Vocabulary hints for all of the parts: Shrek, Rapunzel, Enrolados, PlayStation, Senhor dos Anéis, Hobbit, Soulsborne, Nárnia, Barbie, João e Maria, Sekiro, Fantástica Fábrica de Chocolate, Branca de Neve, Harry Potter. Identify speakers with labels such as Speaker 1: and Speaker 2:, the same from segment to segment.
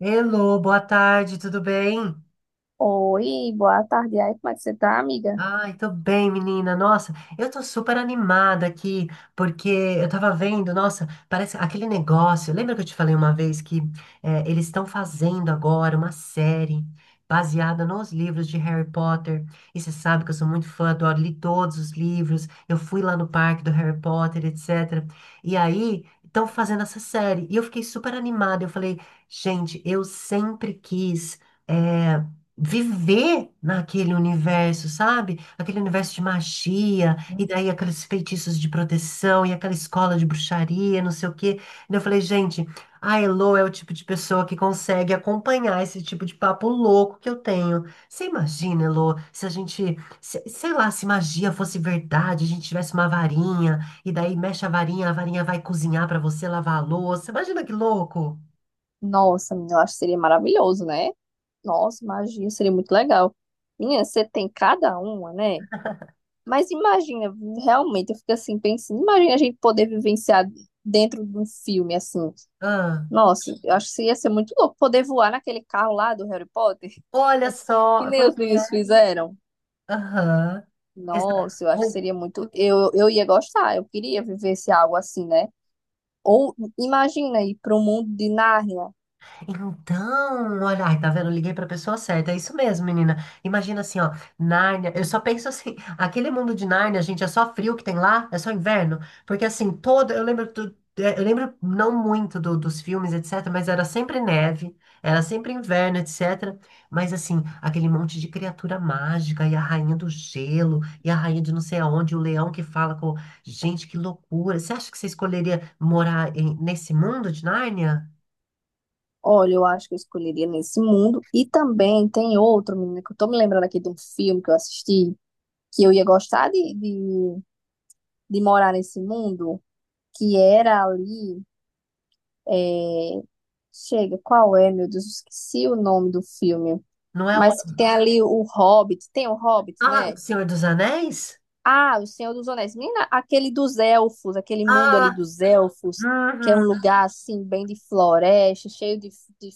Speaker 1: Hello, boa tarde, tudo bem?
Speaker 2: Oi, boa tarde. Aí, como é que você tá, amiga?
Speaker 1: Ai, tô bem, menina. Nossa, eu tô super animada aqui, porque eu tava vendo, nossa, parece aquele negócio. Lembra que eu te falei uma vez que eles estão fazendo agora uma série baseada nos livros de Harry Potter? E você sabe que eu sou muito fã, adoro, li todos os livros. Eu fui lá no parque do Harry Potter, etc. E aí, estão fazendo essa série. E eu fiquei super animada. Eu falei, gente, eu sempre quis. eh, viver naquele universo, sabe? Aquele universo de magia, e daí aqueles feitiços de proteção, e aquela escola de bruxaria, não sei o quê. E eu falei, gente, a Elo é o tipo de pessoa que consegue acompanhar esse tipo de papo louco que eu tenho. Você imagina, Elo, se a gente, sei lá, se magia fosse verdade, a gente tivesse uma varinha, e daí mexe a varinha vai cozinhar pra você, lavar a louça. Imagina que louco!
Speaker 2: Nossa, menina, eu acho que seria maravilhoso, né? Nossa, imagina, seria muito legal. Menina, você tem cada uma, né? Mas imagina, realmente, eu fico assim pensando, imagina a gente poder vivenciar dentro de um filme assim.
Speaker 1: Ah,
Speaker 2: Nossa, eu acho que ia ser muito louco poder voar naquele carro lá do Harry Potter,
Speaker 1: olha
Speaker 2: que
Speaker 1: só,
Speaker 2: nem
Speaker 1: pois
Speaker 2: os meninos
Speaker 1: é.
Speaker 2: fizeram.
Speaker 1: Aham. Exa-
Speaker 2: Nossa, eu acho que
Speaker 1: Ou,
Speaker 2: seria muito. Eu ia gostar, eu queria viver esse algo assim, né? Ou imagina ir para o mundo de Nárnia.
Speaker 1: Então, olha, ai, tá vendo? Eu liguei pra pessoa certa. É isso mesmo, menina. Imagina assim, ó, Nárnia. Eu só penso assim, aquele mundo de Nárnia, gente, é só frio que tem lá, é só inverno. Porque assim, todo, eu lembro é, eu lembro não muito dos filmes, etc, mas era sempre neve, era sempre inverno, etc. Mas assim, aquele monte de criatura mágica e a rainha do gelo e a rainha de não sei aonde, o leão que fala com, gente, que loucura. Você acha que você escolheria morar nesse mundo de Nárnia?
Speaker 2: Olha, eu acho que eu escolheria nesse mundo. E também tem outro, menina, que eu tô me lembrando aqui de um filme que eu assisti, que eu ia gostar de morar nesse mundo, que era ali. é, Chega, qual é, meu Deus? Esqueci o nome do filme.
Speaker 1: Não é.
Speaker 2: Mas que tem ali o Hobbit, tem o Hobbit,
Speaker 1: Ah, O
Speaker 2: né?
Speaker 1: Senhor dos Anéis?
Speaker 2: Ah, o Senhor dos Anéis. Menina, aquele dos elfos, aquele mundo
Speaker 1: Ah,
Speaker 2: ali dos elfos, que é um
Speaker 1: uhum.
Speaker 2: lugar assim, bem de floresta, cheio de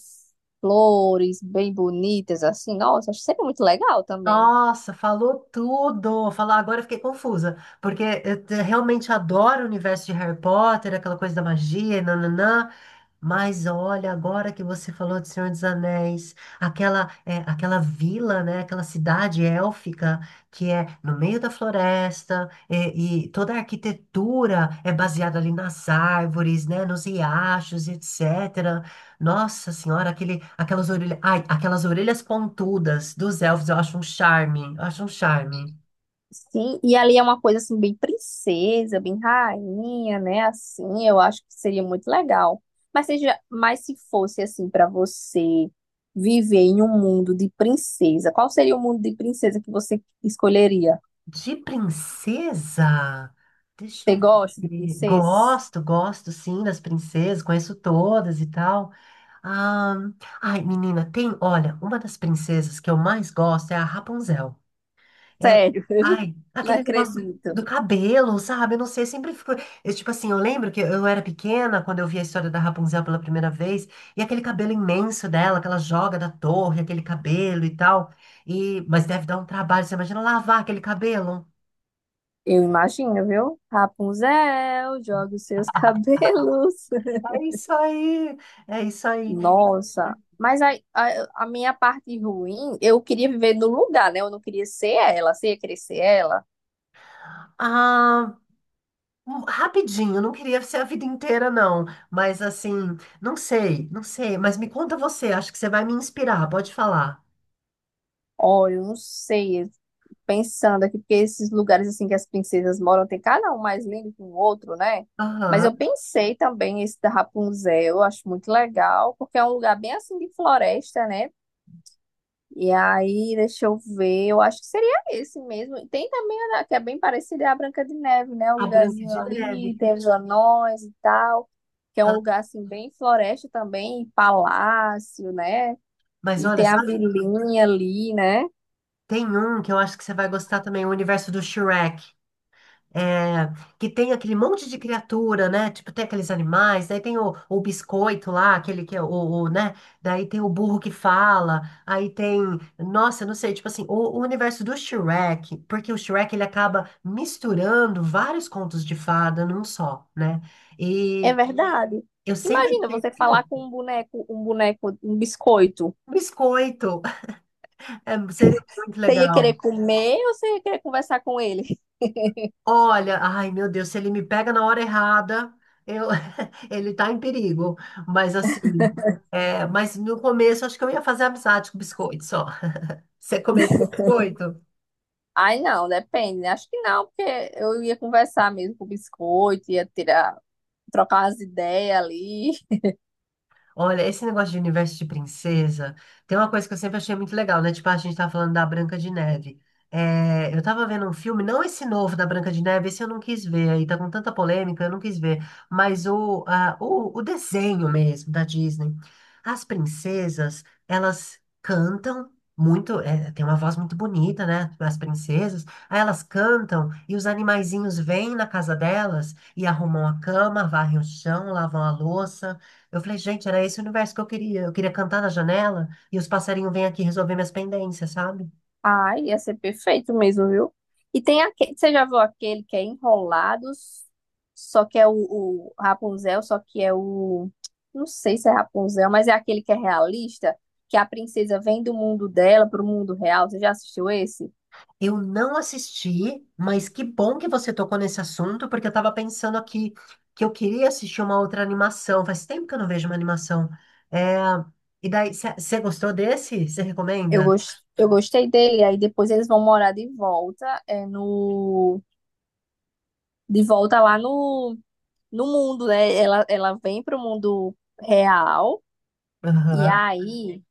Speaker 2: flores, bem bonitas, assim. Nossa, acho sempre muito legal também.
Speaker 1: Nossa, falou tudo. Falar agora eu fiquei confusa, porque eu realmente adoro o universo de Harry Potter, aquela coisa da magia, e nananã. Mas olha, agora que você falou de Senhor dos Anéis, aquela é, aquela vila, né, aquela cidade élfica que é no meio da floresta é, e toda a arquitetura é baseada ali nas árvores, né, nos riachos, etc. Nossa senhora, aquele, aquelas orelhas, ai, aquelas orelhas pontudas dos elfos, eu acho um charme, eu acho um charme.
Speaker 2: Sim, e ali é uma coisa assim, bem princesa, bem rainha, né? Assim, eu acho que seria muito legal. Mas seja, mas se fosse assim para você viver em um mundo de princesa, qual seria o mundo de princesa que você escolheria?
Speaker 1: De princesa? Deixa
Speaker 2: Você
Speaker 1: eu
Speaker 2: gosta de
Speaker 1: ver.
Speaker 2: princesas?
Speaker 1: Gosto, gosto sim das princesas, conheço todas e tal. Ah, ai, menina, tem, olha, uma das princesas que eu mais gosto é a Rapunzel. É,
Speaker 2: Sério,
Speaker 1: ai,
Speaker 2: não
Speaker 1: aquele negócio
Speaker 2: acredito.
Speaker 1: do cabelo, sabe? Eu não sei, sempre ficou. Tipo assim, eu lembro que eu era pequena quando eu vi a história da Rapunzel pela primeira vez, e aquele cabelo imenso dela, que ela joga da torre, aquele cabelo e tal. E, mas deve dar um trabalho, você imagina lavar aquele cabelo?
Speaker 2: Eu imagino, viu? Rapunzel, joga os seus cabelos.
Speaker 1: É isso aí, é isso aí.
Speaker 2: Nossa, mas a minha parte ruim, eu queria viver no lugar, né? Eu não queria ser ela, você ia querer ser ela?
Speaker 1: Ah, rapidinho, não queria ser a vida inteira, não. Mas assim, não sei, não sei. Mas me conta você, acho que você vai me inspirar, pode falar.
Speaker 2: Olha, eu não sei, eu fico pensando aqui, porque esses lugares assim que as princesas moram, tem cada um mais lindo que o outro, né? Mas eu
Speaker 1: Aham.
Speaker 2: pensei também esse da Rapunzel, eu acho muito legal, porque é um lugar bem assim de floresta, né? E aí, deixa eu ver, eu acho que seria esse mesmo. E tem também a que é bem parecida, é a Branca de Neve, né? O
Speaker 1: A Branca
Speaker 2: lugarzinho
Speaker 1: de
Speaker 2: ali,
Speaker 1: Neve.
Speaker 2: tem os anões e tal, que é um
Speaker 1: Ah,
Speaker 2: lugar assim bem floresta também, e palácio, né?
Speaker 1: mas
Speaker 2: E
Speaker 1: olha,
Speaker 2: tem a
Speaker 1: sabe,
Speaker 2: vilinha ali, né?
Speaker 1: tem um que eu acho que você vai gostar também, o universo do Shrek. É, que tem aquele monte de criatura, né? Tipo, tem aqueles animais, daí tem o biscoito lá, aquele que é o, né? Daí tem o burro que fala, aí tem, nossa, eu não sei, tipo assim, o universo do Shrek, porque o Shrek ele acaba misturando vários contos de fada num só, né?
Speaker 2: É
Speaker 1: E
Speaker 2: verdade.
Speaker 1: eu sempre
Speaker 2: Imagina
Speaker 1: achei,
Speaker 2: você
Speaker 1: pô,
Speaker 2: falar com um boneco, um boneco, um biscoito.
Speaker 1: biscoito, é, seria muito
Speaker 2: Você ia querer
Speaker 1: legal.
Speaker 2: comer ou você ia querer conversar com ele?
Speaker 1: Olha, ai meu Deus, se ele me pega na hora errada, eu, ele tá em perigo. Mas assim, é, mas no começo acho que eu ia fazer amizade com biscoito só. Você comeria biscoito?
Speaker 2: Ai, não, depende, né? Acho que não, porque eu ia conversar mesmo com o biscoito, ia tirar trocar as ideias ali.
Speaker 1: Olha, esse negócio de universo de princesa, tem uma coisa que eu sempre achei muito legal, né? Tipo, a gente tá falando da Branca de Neve. É, eu tava vendo um filme, não esse novo da Branca de Neve, esse eu não quis ver, aí tá com tanta polêmica, eu não quis ver, mas o desenho mesmo da Disney. As princesas, elas cantam muito, é, tem uma voz muito bonita, né? As princesas, aí elas cantam e os animaizinhos vêm na casa delas e arrumam a cama, varrem o chão, lavam a louça. Eu falei, gente, era esse o universo que eu queria. Eu queria cantar na janela e os passarinhos vêm aqui resolver minhas pendências, sabe?
Speaker 2: Ai, ia ser perfeito mesmo, viu? E tem aquele, você já viu aquele que é Enrolados, só que é o Rapunzel, só que é o. Não sei se é Rapunzel, mas é aquele que é realista, que a princesa vem do mundo dela pro mundo real. Você já assistiu esse?
Speaker 1: Eu não assisti, mas que bom que você tocou nesse assunto, porque eu tava pensando aqui que eu queria assistir uma outra animação. Faz tempo que eu não vejo uma animação. É... E daí, você gostou desse? Você recomenda?
Speaker 2: Eu gostei dele. Aí depois eles vão morar de volta, é, no, de volta lá no, no mundo, né? Ela vem pro mundo real. E
Speaker 1: Aham.
Speaker 2: aí,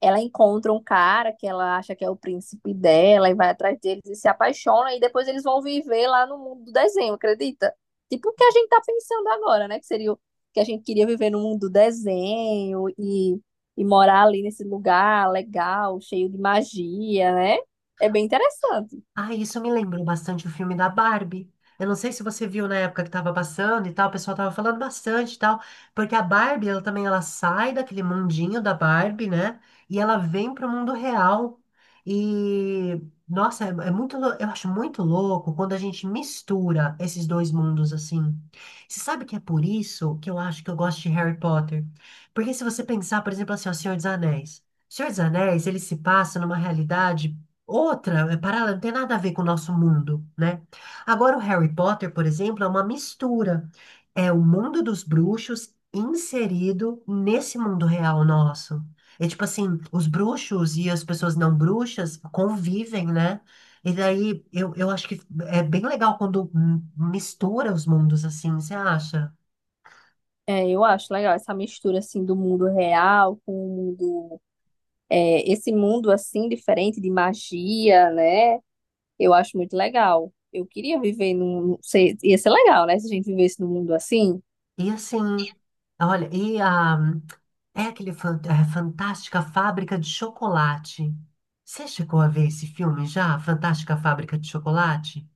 Speaker 2: ela encontra um cara que ela acha que é o príncipe dela e vai atrás deles e se apaixona, e depois eles vão viver lá no mundo do desenho, acredita? Tipo o que a gente tá pensando agora, né? Que seria o que a gente queria viver no mundo do desenho e morar ali nesse lugar legal, cheio de magia, né? É bem interessante.
Speaker 1: Ah, isso me lembrou bastante o filme da Barbie. Eu não sei se você viu na época que estava passando e tal, o pessoal tava falando bastante e tal, porque a Barbie, ela também ela sai daquele mundinho da Barbie, né? E ela vem pro mundo real. E nossa, é, é muito, eu acho muito louco quando a gente mistura esses dois mundos assim. Você sabe que é por isso que eu acho que eu gosto de Harry Potter? Porque se você pensar, por exemplo, assim, ó, Senhor dos Anéis. Senhor dos Anéis, ele se passa numa realidade outra, é paralela, não tem nada a ver com o nosso mundo, né? Agora, o Harry Potter, por exemplo, é uma mistura. É o mundo dos bruxos inserido nesse mundo real nosso. É tipo assim, os bruxos e as pessoas não bruxas convivem, né? E daí, eu acho que é bem legal quando mistura os mundos assim, você acha?
Speaker 2: É, eu acho legal essa mistura assim do mundo real com o mundo, é, esse mundo assim diferente de magia, né? Eu acho muito legal. Eu queria viver num. Ser- Ia ser legal, né? Se a gente vivesse num mundo assim.
Speaker 1: E assim, olha, e a, é aquele Fantástica Fábrica de Chocolate. Você chegou a ver esse filme já? Fantástica Fábrica de Chocolate?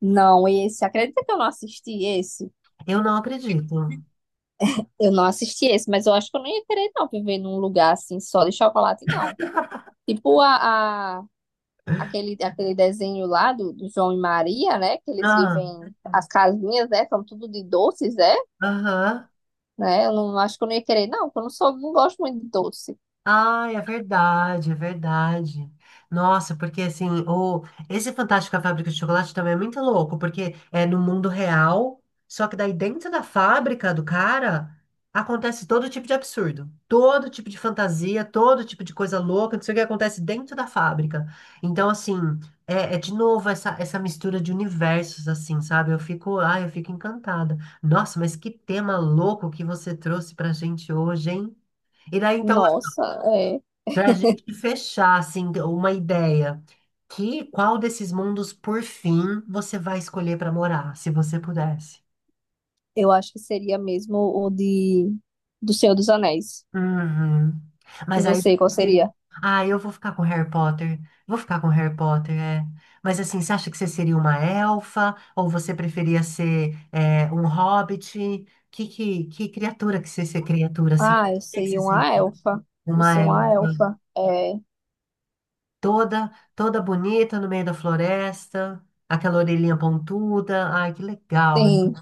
Speaker 2: Não, esse. Acredita que eu não assisti esse?
Speaker 1: Eu não acredito.
Speaker 2: Eu não assisti esse, mas eu acho que eu não ia querer, não, viver num lugar assim, só de chocolate, não. Tipo aquele, aquele desenho lá do, do João e Maria, né? Que eles
Speaker 1: Ah,
Speaker 2: vivem. As casinhas, né? São tudo de doces, é?
Speaker 1: aham.
Speaker 2: Né? Eu não acho que eu não ia querer, não, porque eu não sou, não gosto muito de doce.
Speaker 1: Ai, é verdade, é verdade. Nossa, porque assim, o, esse Fantástico a Fábrica de Chocolate também é muito louco, porque é no mundo real, só que daí dentro da fábrica do cara acontece todo tipo de absurdo, todo tipo de fantasia, todo tipo de coisa louca, não sei o que acontece dentro da fábrica. Então, assim, é, é de novo essa, essa mistura de universos, assim, sabe? Eu fico, ai, eu fico encantada. Nossa, mas que tema louco que você trouxe pra gente hoje, hein? E daí, então,
Speaker 2: Nossa, é.
Speaker 1: para a gente fechar, assim, uma ideia, que qual desses mundos, por fim, você vai escolher para morar, se você pudesse?
Speaker 2: Eu acho que seria mesmo o de. Do Senhor dos Anéis.
Speaker 1: Uhum.
Speaker 2: E
Speaker 1: Mas aí,
Speaker 2: você, qual
Speaker 1: seria-
Speaker 2: seria?
Speaker 1: ah, eu vou ficar com Harry Potter, vou ficar com Harry Potter, é. Mas assim, você acha que você seria uma elfa, ou você preferia ser é, um hobbit? Que criatura que você ser criatura, assim? O
Speaker 2: Ah, eu
Speaker 1: que que você
Speaker 2: seria uma
Speaker 1: seria?
Speaker 2: elfa. Eu
Speaker 1: Uma
Speaker 2: seria uma
Speaker 1: elfa.
Speaker 2: elfa. É,
Speaker 1: Toda, toda bonita no meio da floresta, aquela orelhinha pontuda. Ai, que legal.
Speaker 2: sim.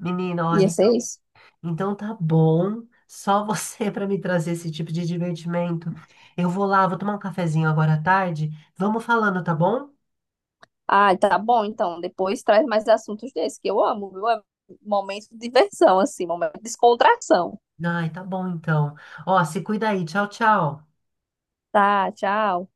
Speaker 1: Menina, olha,
Speaker 2: Ia
Speaker 1: então
Speaker 2: ser isso?
Speaker 1: então tá bom. Só você para me trazer esse tipo de divertimento. Eu vou lá, vou tomar um cafezinho agora à tarde. Vamos falando, tá bom?
Speaker 2: Ah, tá bom, então. Depois traz mais assuntos desses, que eu amo, viu? É momento de diversão, assim, momento de descontração.
Speaker 1: Ai, tá bom então. Ó, se cuida aí. Tchau, tchau.
Speaker 2: Tá, tchau.